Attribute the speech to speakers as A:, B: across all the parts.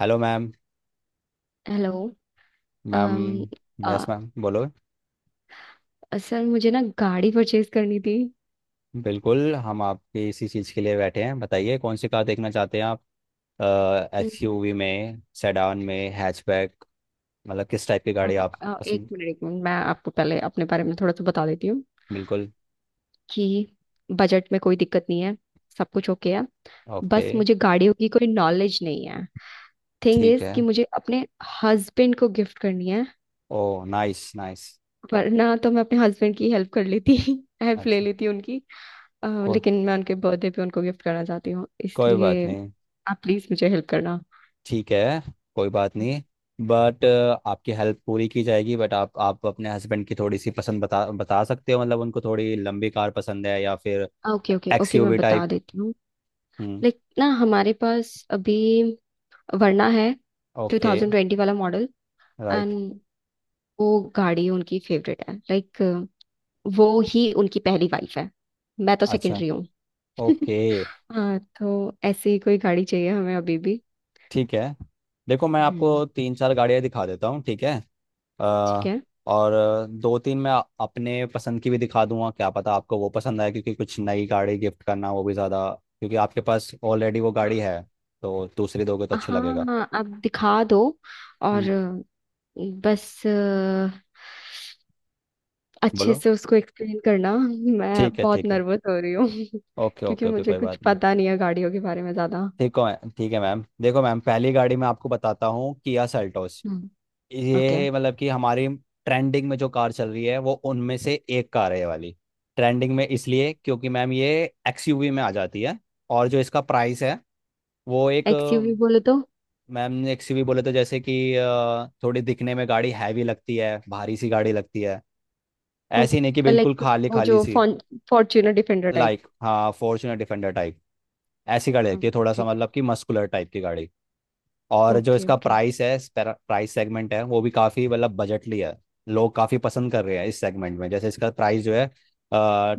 A: Hello ma'am.
B: Hello
A: ma'am.
B: Um uh,
A: yes ma'am, बोलो।
B: Sir मुझे ना गाड़ी परचेज करनी थी।
A: बिल्कुल, हम आपके इसी चीज़ के लिए बैठे हैं, बताइए कौन सी कार देखना चाहते हैं आप।
B: अम,
A: एसयूवी में, सेडान में, हैचबैक, मतलब किस टाइप की
B: अ,
A: गाड़ी आप पसंद।
B: एक मिनट मैं आपको पहले अपने बारे में थोड़ा सा बता देती हूँ
A: बिल्कुल।
B: कि बजट में कोई दिक्कत नहीं है। सब कुछ ओके है।
A: ओके।
B: बस मुझे गाड़ियों की कोई नॉलेज नहीं है। थिंग
A: ठीक
B: इज
A: है।
B: कि मुझे अपने हस्बैंड को गिफ्ट करनी है।
A: Oh, nice nice.
B: वरना तो मैं अपने हस्बैंड की हेल्प कर लेती हेल्प ले
A: अच्छा।
B: लेती उनकी।
A: को,
B: लेकिन मैं उनके बर्थडे पे उनको गिफ्ट करना चाहती हूँ
A: कोई बात
B: इसलिए
A: नहीं।
B: आप प्लीज मुझे हेल्प करना।
A: ठीक है, कोई बात नहीं, बट आपकी हेल्प पूरी की जाएगी। बट आप अपने हस्बैंड की थोड़ी सी पसंद बता बता सकते हो, मतलब उनको थोड़ी लंबी कार पसंद है या फिर
B: ओके ओके
A: एक्स।
B: ओके मैं बता देती हूँ।
A: हम्म।
B: लाइक ना हमारे पास अभी वरना है
A: ओके।
B: 2020 वाला मॉडल
A: राइट।
B: एंड वो गाड़ी उनकी फेवरेट है लाइक वो ही उनकी पहली वाइफ है। मैं तो
A: अच्छा।
B: सेकेंडरी हूँ
A: ओके।
B: हाँ तो ऐसी ही कोई गाड़ी चाहिए हमें अभी भी।
A: ठीक है, देखो मैं आपको
B: हम्म
A: तीन चार गाड़ियाँ दिखा देता हूँ, ठीक है।
B: ठीक
A: अ,
B: है।
A: और दो तीन मैं अपने पसंद की भी दिखा दूंगा, क्या पता आपको वो पसंद आए, क्योंकि कुछ नई गाड़ी गिफ्ट करना वो भी ज़्यादा। क्योंकि आपके पास ऑलरेडी वो गाड़ी है तो दूसरी दोगे तो अच्छा लगेगा।
B: हाँ आप दिखा दो
A: हम्म।
B: और बस अच्छे
A: बोलो।
B: से उसको एक्सप्लेन करना। मैं
A: ठीक है
B: बहुत
A: ठीक है।
B: नर्वस हो रही हूँ
A: ओके
B: क्योंकि
A: ओके ओके,
B: मुझे
A: कोई
B: कुछ
A: बात नहीं।
B: पता नहीं है गाड़ियों के बारे में ज़्यादा।
A: ठीक है ठीक है मैम। देखो मैम, पहली गाड़ी मैं आपको बताता हूँ, किया सेल्टोस।
B: Hmm okay.
A: ये मतलब कि हमारी ट्रेंडिंग में जो कार चल रही है, वो उनमें से एक कार है, ये वाली। ट्रेंडिंग में इसलिए क्योंकि मैम ये एक्सयूवी में आ जाती है। और जो इसका प्राइस है वो एक
B: एक्सयूवी बोले तो
A: मैम, एक्सयूवी बोले तो जैसे कि थोड़ी दिखने में गाड़ी हैवी लगती है, भारी सी गाड़ी लगती है, ऐसी नहीं कि बिल्कुल
B: लाइक
A: खाली
B: वो
A: खाली
B: जो
A: सी।
B: Fortuner Defender type.
A: लाइक हाँ, फॉर्च्यूनर डिफेंडर टाइप ऐसी गाड़ी लगती है, थोड़ा सा
B: ठीक
A: मतलब कि मस्कुलर टाइप की गाड़ी।
B: है।
A: और जो
B: ओके
A: इसका
B: ओके
A: प्राइस है, प्राइस सेगमेंट है, वो भी काफ़ी मतलब बजटली है। लोग काफ़ी पसंद कर रहे हैं इस सेगमेंट में। जैसे इसका प्राइस जो है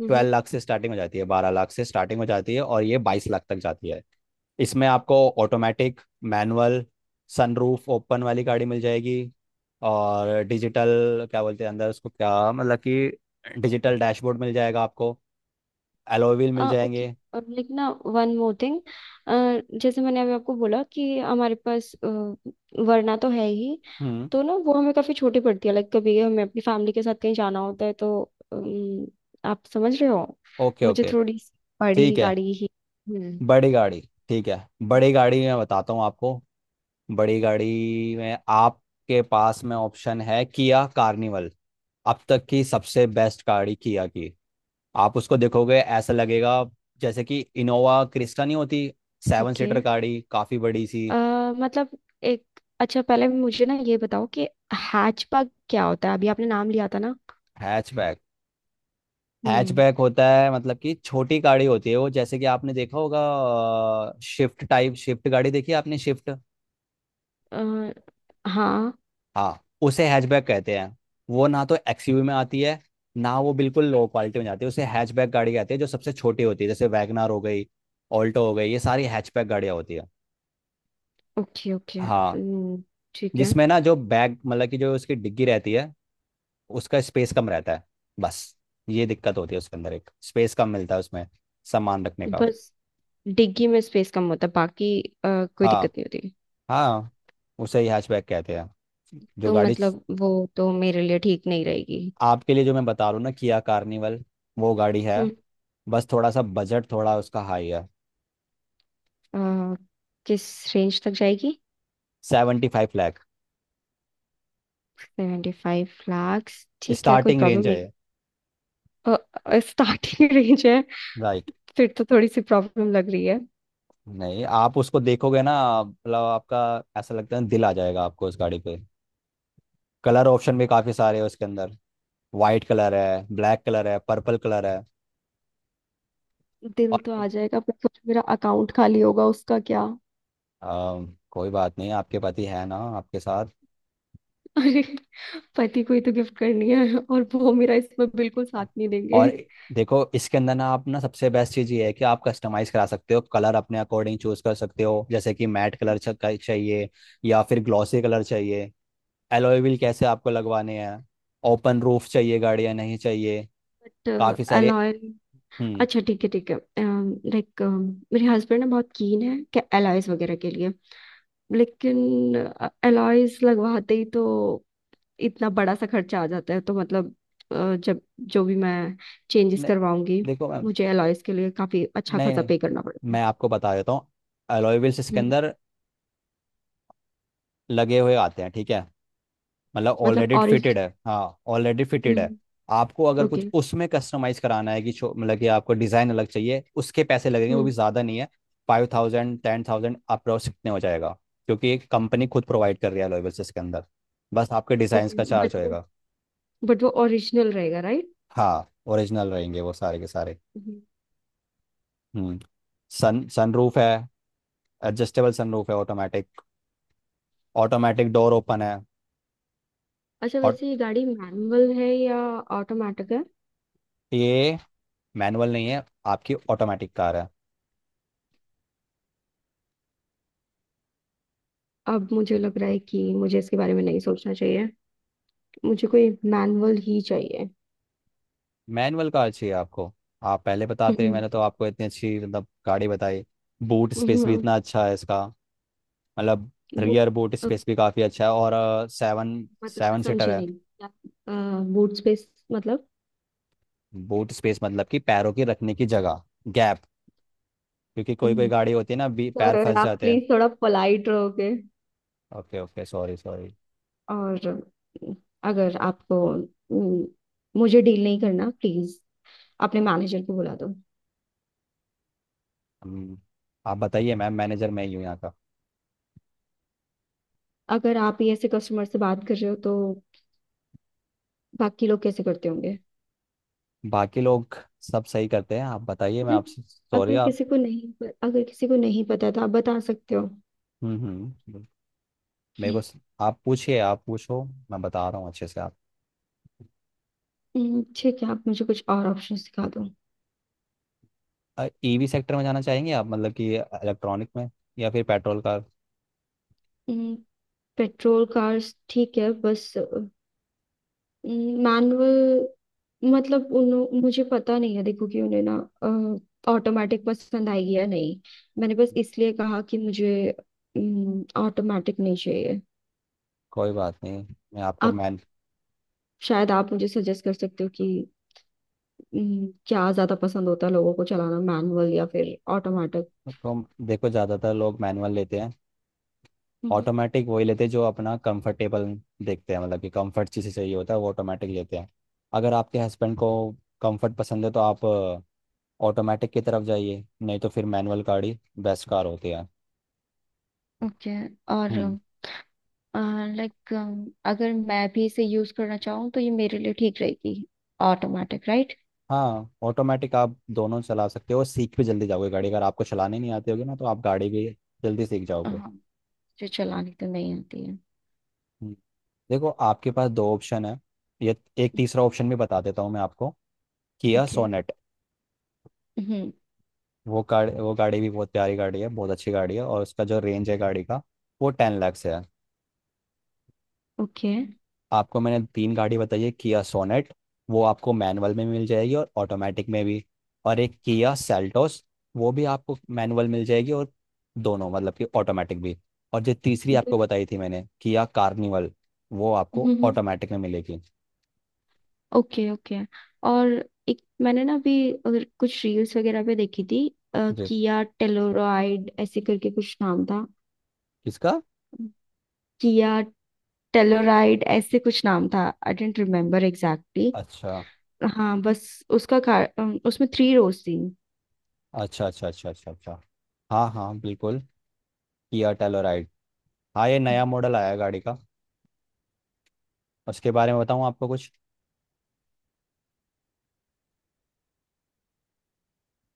B: हम्म।
A: लाख से स्टार्टिंग हो जाती है, 12 लाख से स्टार्टिंग हो जाती है, और ये 22 लाख तक जाती है। इसमें आपको ऑटोमेटिक, मैनुअल, सनरूफ ओपन वाली गाड़ी मिल जाएगी। और डिजिटल क्या बोलते हैं अंदर उसको क्या, मतलब कि डिजिटल डैशबोर्ड मिल जाएगा आपको। एलॉय व्हील मिल जाएंगे।
B: ओके। और लाइक ना वन मोर थिंग जैसे मैंने अभी आपको बोला कि हमारे पास वरना तो है ही।
A: हम्म।
B: तो ना वो हमें काफी छोटी पड़ती है लाइक कभी हमें अपनी फैमिली के साथ कहीं जाना होता है तो अम, आप समझ रहे हो।
A: ओके
B: मुझे
A: ओके।
B: थोड़ी सी बड़ी
A: ठीक है,
B: गाड़ी ही। हम्म,
A: बड़ी गाड़ी। ठीक है, बड़ी गाड़ी में बताता हूँ आपको। बड़ी गाड़ी में आपके पास में ऑप्शन है किया कार्निवल। अब तक की सबसे बेस्ट गाड़ी किया की। आप उसको देखोगे ऐसा लगेगा जैसे कि इनोवा क्रिस्टा नहीं होती, सेवन
B: ओके।
A: सीटर गाड़ी, काफी बड़ी सी।
B: अ, मतलब एक अच्छा पहले मुझे ना ये बताओ कि हैचबैक क्या होता है अभी आपने नाम लिया था ना।
A: हैचबैक।
B: हम्म
A: हैचबैक होता है मतलब कि छोटी गाड़ी होती है वो, जैसे कि आपने देखा होगा शिफ्ट टाइप, शिफ्ट गाड़ी देखी है आपने, शिफ्ट।
B: अ, हाँ।
A: हाँ, उसे हैचबैक कहते हैं। वो ना तो एक्सयूवी में आती है, ना वो बिल्कुल लो क्वालिटी में जाती है। उसे हैचबैक गाड़ी कहते हैं जो सबसे छोटी होती है, जैसे वैगनार हो गई, ऑल्टो हो गई, ये सारी हैचबैक गाड़ियाँ होती है।
B: ओके ओके
A: हाँ।
B: ठीक है।
A: जिसमें ना जो बैग मतलब कि जो उसकी डिग्गी रहती है, उसका स्पेस कम रहता है, बस ये दिक्कत होती है उसके अंदर, एक स्पेस कम मिलता है उसमें सामान रखने का।
B: बस डिग्गी में स्पेस कम होता है बाकी अ, कोई दिक्कत
A: हाँ
B: नहीं होती।
A: हाँ। उसे ही हैचबैक कहते हैं जो
B: तो
A: गाड़ी।
B: मतलब वो तो मेरे लिए ठीक नहीं रहेगी।
A: आपके लिए जो मैं बता रहा हूँ ना, किया कार्निवल वो गाड़ी है।
B: हम्म
A: बस थोड़ा सा बजट थोड़ा उसका हाई है।
B: अ, किस रेंज तक जाएगी।
A: 75 लाख
B: 75 लाख्स ठीक है कोई
A: स्टार्टिंग रेंज
B: प्रॉब्लम
A: है।
B: नहीं। स्टार्टिंग रेंज है।
A: राइट।
B: फिर तो थोड़ी सी प्रॉब्लम लग रही है।
A: नहीं, आप उसको देखोगे ना, मतलब आपका ऐसा लगता है दिल आ जाएगा आपको उस गाड़ी पे। कलर ऑप्शन भी काफ़ी सारे हैं उसके अंदर, वाइट कलर है, ब्लैक कलर है, पर्पल कलर है।
B: दिल तो
A: और
B: आ जाएगा पर सोचो मेरा अकाउंट खाली होगा उसका क्या।
A: कोई बात नहीं, आपके पति है ना आपके साथ।
B: अरे पति को ही तो गिफ्ट करनी है और वो मेरा इसमें बिल्कुल साथ नहीं देंगे।
A: और देखो इसके अंदर ना, आप ना सबसे बेस्ट चीज़ ये है कि आप कस्टमाइज करा सकते हो कलर, अपने अकॉर्डिंग चूज कर सकते हो, जैसे कि मैट कलर चाहिए या फिर ग्लॉसी कलर चाहिए, एलॉय व्हील कैसे आपको लगवाने हैं, ओपन रूफ चाहिए गाड़ी या नहीं चाहिए।
B: बट
A: काफ़ी सारे।
B: अलॉय
A: हम्म।
B: अच्छा ठीक है ठीक है। लाइक मेरे हस्बैंड ना बहुत कीन है क्या अलॉयज वगैरह के लिए। लेकिन अलॉयज लगवाते ही तो इतना बड़ा सा खर्चा आ जाता है तो मतलब जब जो भी मैं चेंजेस
A: नहीं,
B: करवाऊंगी
A: देखो मैम।
B: मुझे अलॉयज के लिए काफी अच्छा
A: नहीं
B: खासा
A: नहीं,
B: पे करना पड़ेगा।
A: मैं आपको बता देता हूँ, एलॉय व्हील्स इसके
B: हम्म,
A: अंदर लगे हुए आते हैं, ठीक है। मतलब
B: मतलब
A: ऑलरेडी
B: ओरिजिन
A: फिटेड है, हाँ, ऑलरेडी फिटेड है। आपको अगर
B: ओके
A: कुछ उसमें कस्टमाइज कराना है कि मतलब कि आपको डिज़ाइन अलग चाहिए, उसके पैसे लगेंगे वो भी
B: हम्म
A: ज़्यादा नहीं है। 5,000 10,000 अप्रोक्स इतने हो जाएगा, क्योंकि कंपनी खुद प्रोवाइड कर रही है एलॉय व्हील्स इसके अंदर। बस आपके डिज़ाइन
B: ओके।
A: का चार्ज
B: बट वो
A: होएगा।
B: बट वो ओरिजिनल रहेगा राइट।
A: हाँ, ओरिजिनल रहेंगे वो सारे के सारे।
B: हम्म।
A: हम्म। सन सनरूफ है, एडजस्टेबल सनरूफ है, ऑटोमेटिक। ऑटोमेटिक डोर ओपन है।
B: अच्छा
A: और
B: वैसे ये गाड़ी मैनुअल है या ऑटोमेटिक है।
A: ये मैनुअल नहीं है, आपकी ऑटोमेटिक कार है।
B: अब मुझे लग रहा है कि मुझे इसके बारे में नहीं सोचना चाहिए। मुझे कोई मैनुअल ही चाहिए।
A: मैनुअल कार चाहिए आपको? आप पहले बताते,
B: हम्म,
A: मैंने तो आपको इतनी अच्छी मतलब गाड़ी बताई। बूट स्पेस
B: हम्म,
A: भी
B: अ,
A: इतना अच्छा है इसका, मतलब
B: वो
A: रियर बूट
B: अ,
A: स्पेस भी काफ़ी अच्छा है। और सेवन
B: मतलब मैं
A: 7 सीटर
B: समझी
A: है।
B: नहीं क्या। बूट स्पेस मतलब।
A: बूट स्पेस मतलब कि पैरों की रखने की जगह, गैप, क्योंकि कोई कोई
B: हम्म,
A: गाड़ी होती है ना बी पैर
B: तो
A: फंस
B: आप
A: जाते हैं।
B: प्लीज थोड़ा पोलाइट रहोगे।
A: Okay okay, sorry sorry.
B: और अगर आपको मुझे डील नहीं करना प्लीज। अपने मैनेजर को बुला दो।
A: हम्म, आप बताइए मैम, मैनेजर मैं ही हूँ यहाँ का।
B: अगर आप ही ऐसे कस्टमर से बात कर रहे हो तो बाकी लोग कैसे करते होंगे।
A: बाकी लोग सब सही करते हैं। आप बताइए, मैं
B: लाइक
A: आपसे सॉरी,
B: अगर
A: आप।
B: किसी को नहीं अगर किसी को नहीं पता तो आप बता सकते हो।
A: हम्म। आप पूछिए, आप पूछो, मैं बता रहा हूँ अच्छे से आप।
B: ठीक है आप मुझे कुछ और ऑप्शन दिखा दो।
A: ईवी सेक्टर में जाना चाहेंगे आप, मतलब कि इलेक्ट्रॉनिक में, या फिर पेट्रोल कार।
B: हम्म, पेट्रोल कार्स ठीक है बस मैनुअल। मतलब उन्हों मुझे पता नहीं है देखो कि उन्हें ना ऑटोमेटिक पसंद आएगी या नहीं। मैंने बस इसलिए कहा कि मुझे ऑटोमेटिक नहीं चाहिए।
A: कोई बात नहीं। मैं आपको
B: आप
A: मैन
B: शायद आप मुझे सजेस्ट कर सकते हो कि क्या ज्यादा पसंद होता है लोगों को चलाना मैनुअल या फिर ऑटोमेटिक।
A: तो देखो ज़्यादातर लोग मैनुअल लेते हैं।
B: हम्म
A: ऑटोमेटिक वही लेते हैं जो अपना कंफर्टेबल देखते हैं, मतलब कि कंफर्ट जिसे चाहिए होता है वो ऑटोमेटिक लेते हैं। अगर आपके हस्बैंड को कंफर्ट पसंद है तो आप ऑटोमेटिक की तरफ जाइए, नहीं तो फिर मैनुअल कार ही बेस्ट कार होती है।
B: ओके। और
A: हम्म।
B: लाइक अगर मैं भी इसे यूज करना चाहूँ तो ये मेरे लिए ठीक रहेगी। Automatic right.
A: हाँ, ऑटोमेटिक आप दोनों चला सकते हो, सीख भी जल्दी जाओगे गाड़ी, अगर आपको चलाने नहीं आती होगी ना, तो आप गाड़ी भी जल्दी सीख जाओगे।
B: हाँ जो चलानी तो नहीं आती है।
A: हम्म, देखो आपके पास दो ऑप्शन है ये। एक तीसरा ऑप्शन भी बता देता हूँ मैं आपको, किया
B: ओके
A: सोनेट।
B: हम्म
A: वो गाड़ी भी बहुत प्यारी गाड़ी है, बहुत अच्छी गाड़ी है। और उसका जो रेंज है गाड़ी का, वो 10 lakhs है।
B: ओके
A: आपको मैंने तीन गाड़ी बताई है। किया सोनेट, वो आपको मैनुअल में मिल जाएगी और ऑटोमेटिक में भी। और एक किया सेल्टोस, वो भी आपको मैनुअल मिल जाएगी और दोनों मतलब कि ऑटोमेटिक भी। और जो तीसरी आपको बताई थी मैंने, किया कार्निवल, वो आपको
B: हम्म
A: ऑटोमेटिक में मिलेगी।
B: Okay okay. और एक मैंने ना अभी अगर कुछ रील्स वगैरह पे देखी थी
A: जी,
B: किया टेलोरॉयड ऐसे करके कुछ नाम था।
A: किसका?
B: किया टेलोराइड ऐसे कुछ नाम था। I don't remember exactly.
A: अच्छा
B: हाँ बस उसमें थ्री रोज थी।
A: अच्छा अच्छा अच्छा अच्छा अच्छा। हाँ हाँ, बिल्कुल। किया टेलोराइड, हाँ, ये नया मॉडल आया है गाड़ी का। उसके बारे में बताऊँ आपको कुछ।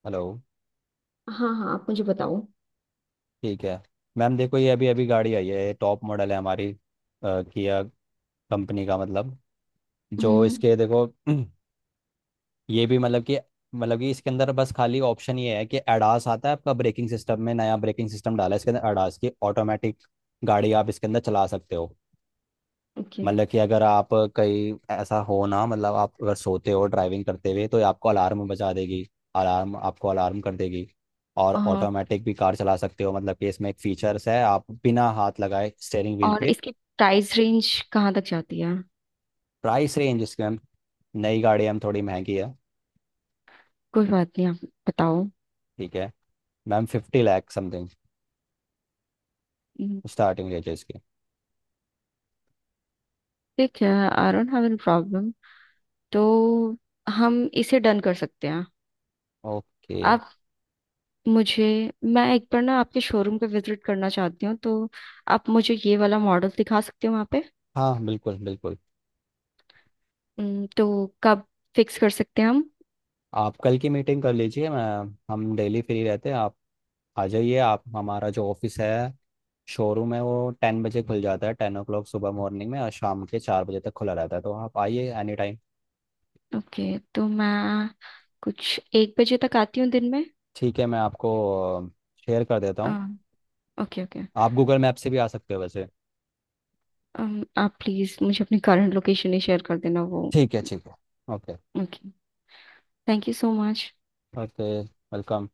A: हेलो?
B: हाँ हाँ आप मुझे बताओ।
A: ठीक है मैम, देखो ये अभी अभी गाड़ी आई है, ये टॉप मॉडल है हमारी किया कंपनी का। मतलब जो
B: हम्म
A: इसके देखो ये भी मतलब कि, इसके अंदर बस खाली ऑप्शन ये है कि एडास आता है आपका ब्रेकिंग सिस्टम में, नया ब्रेकिंग सिस्टम डाला है इसके अंदर एडास की। ऑटोमेटिक गाड़ी आप इसके अंदर चला सकते हो।
B: ओके
A: मतलब कि अगर आप कहीं ऐसा हो ना, मतलब आप अगर सोते हो ड्राइविंग करते हुए तो ये आपको अलार्म बजा देगी। अलार्म आपको अलार्म कर देगी। और
B: और
A: ऑटोमेटिक भी कार चला सकते हो, मतलब कि इसमें एक फीचर्स है, आप बिना हाथ लगाए स्टेयरिंग व्हील पे।
B: इसकी प्राइस रेंज कहाँ तक जाती है।
A: प्राइस रेंज इसकी मैम, नई गाड़ी है, मैम, थोड़ी महंगी है।
B: कोई बात नहीं आप बताओ।
A: ठीक है मैम, 50 लाख समथिंग
B: हम्म,
A: स्टार्टिंग रेंज है इसकी।
B: ठीक है I don't have any problem. तो हम इसे डन कर सकते हैं।
A: ओके।
B: आप मुझे मैं एक बार ना आपके शोरूम पे विजिट करना चाहती हूँ तो आप मुझे ये वाला मॉडल दिखा सकते हो वहाँ पे।
A: हाँ बिल्कुल बिल्कुल।
B: तो कब फिक्स कर सकते हैं हम।
A: आप कल की मीटिंग कर लीजिए, मैं, हम डेली फ्री रहते हैं। आप आ जाइए, आप हमारा जो ऑफिस है, शोरूम है, वो 10 बजे खुल जाता है, 10 o'clock सुबह मॉर्निंग में, और शाम के 4 बजे तक खुला रहता है, तो आप आइए एनी टाइम।
B: ओके तो मैं कुछ एक बजे तक आती हूँ दिन में।
A: ठीक है, मैं आपको शेयर कर देता
B: अ,
A: हूँ।
B: Okay okay.
A: आप गूगल मैप से भी आ सकते हो वैसे।
B: आप प्लीज़ मुझे अपनी करंट लोकेशन ही शेयर कर देना वो।
A: ठीक है ठीक है। Okay.
B: Okay thank you so much.
A: Okay, welcome.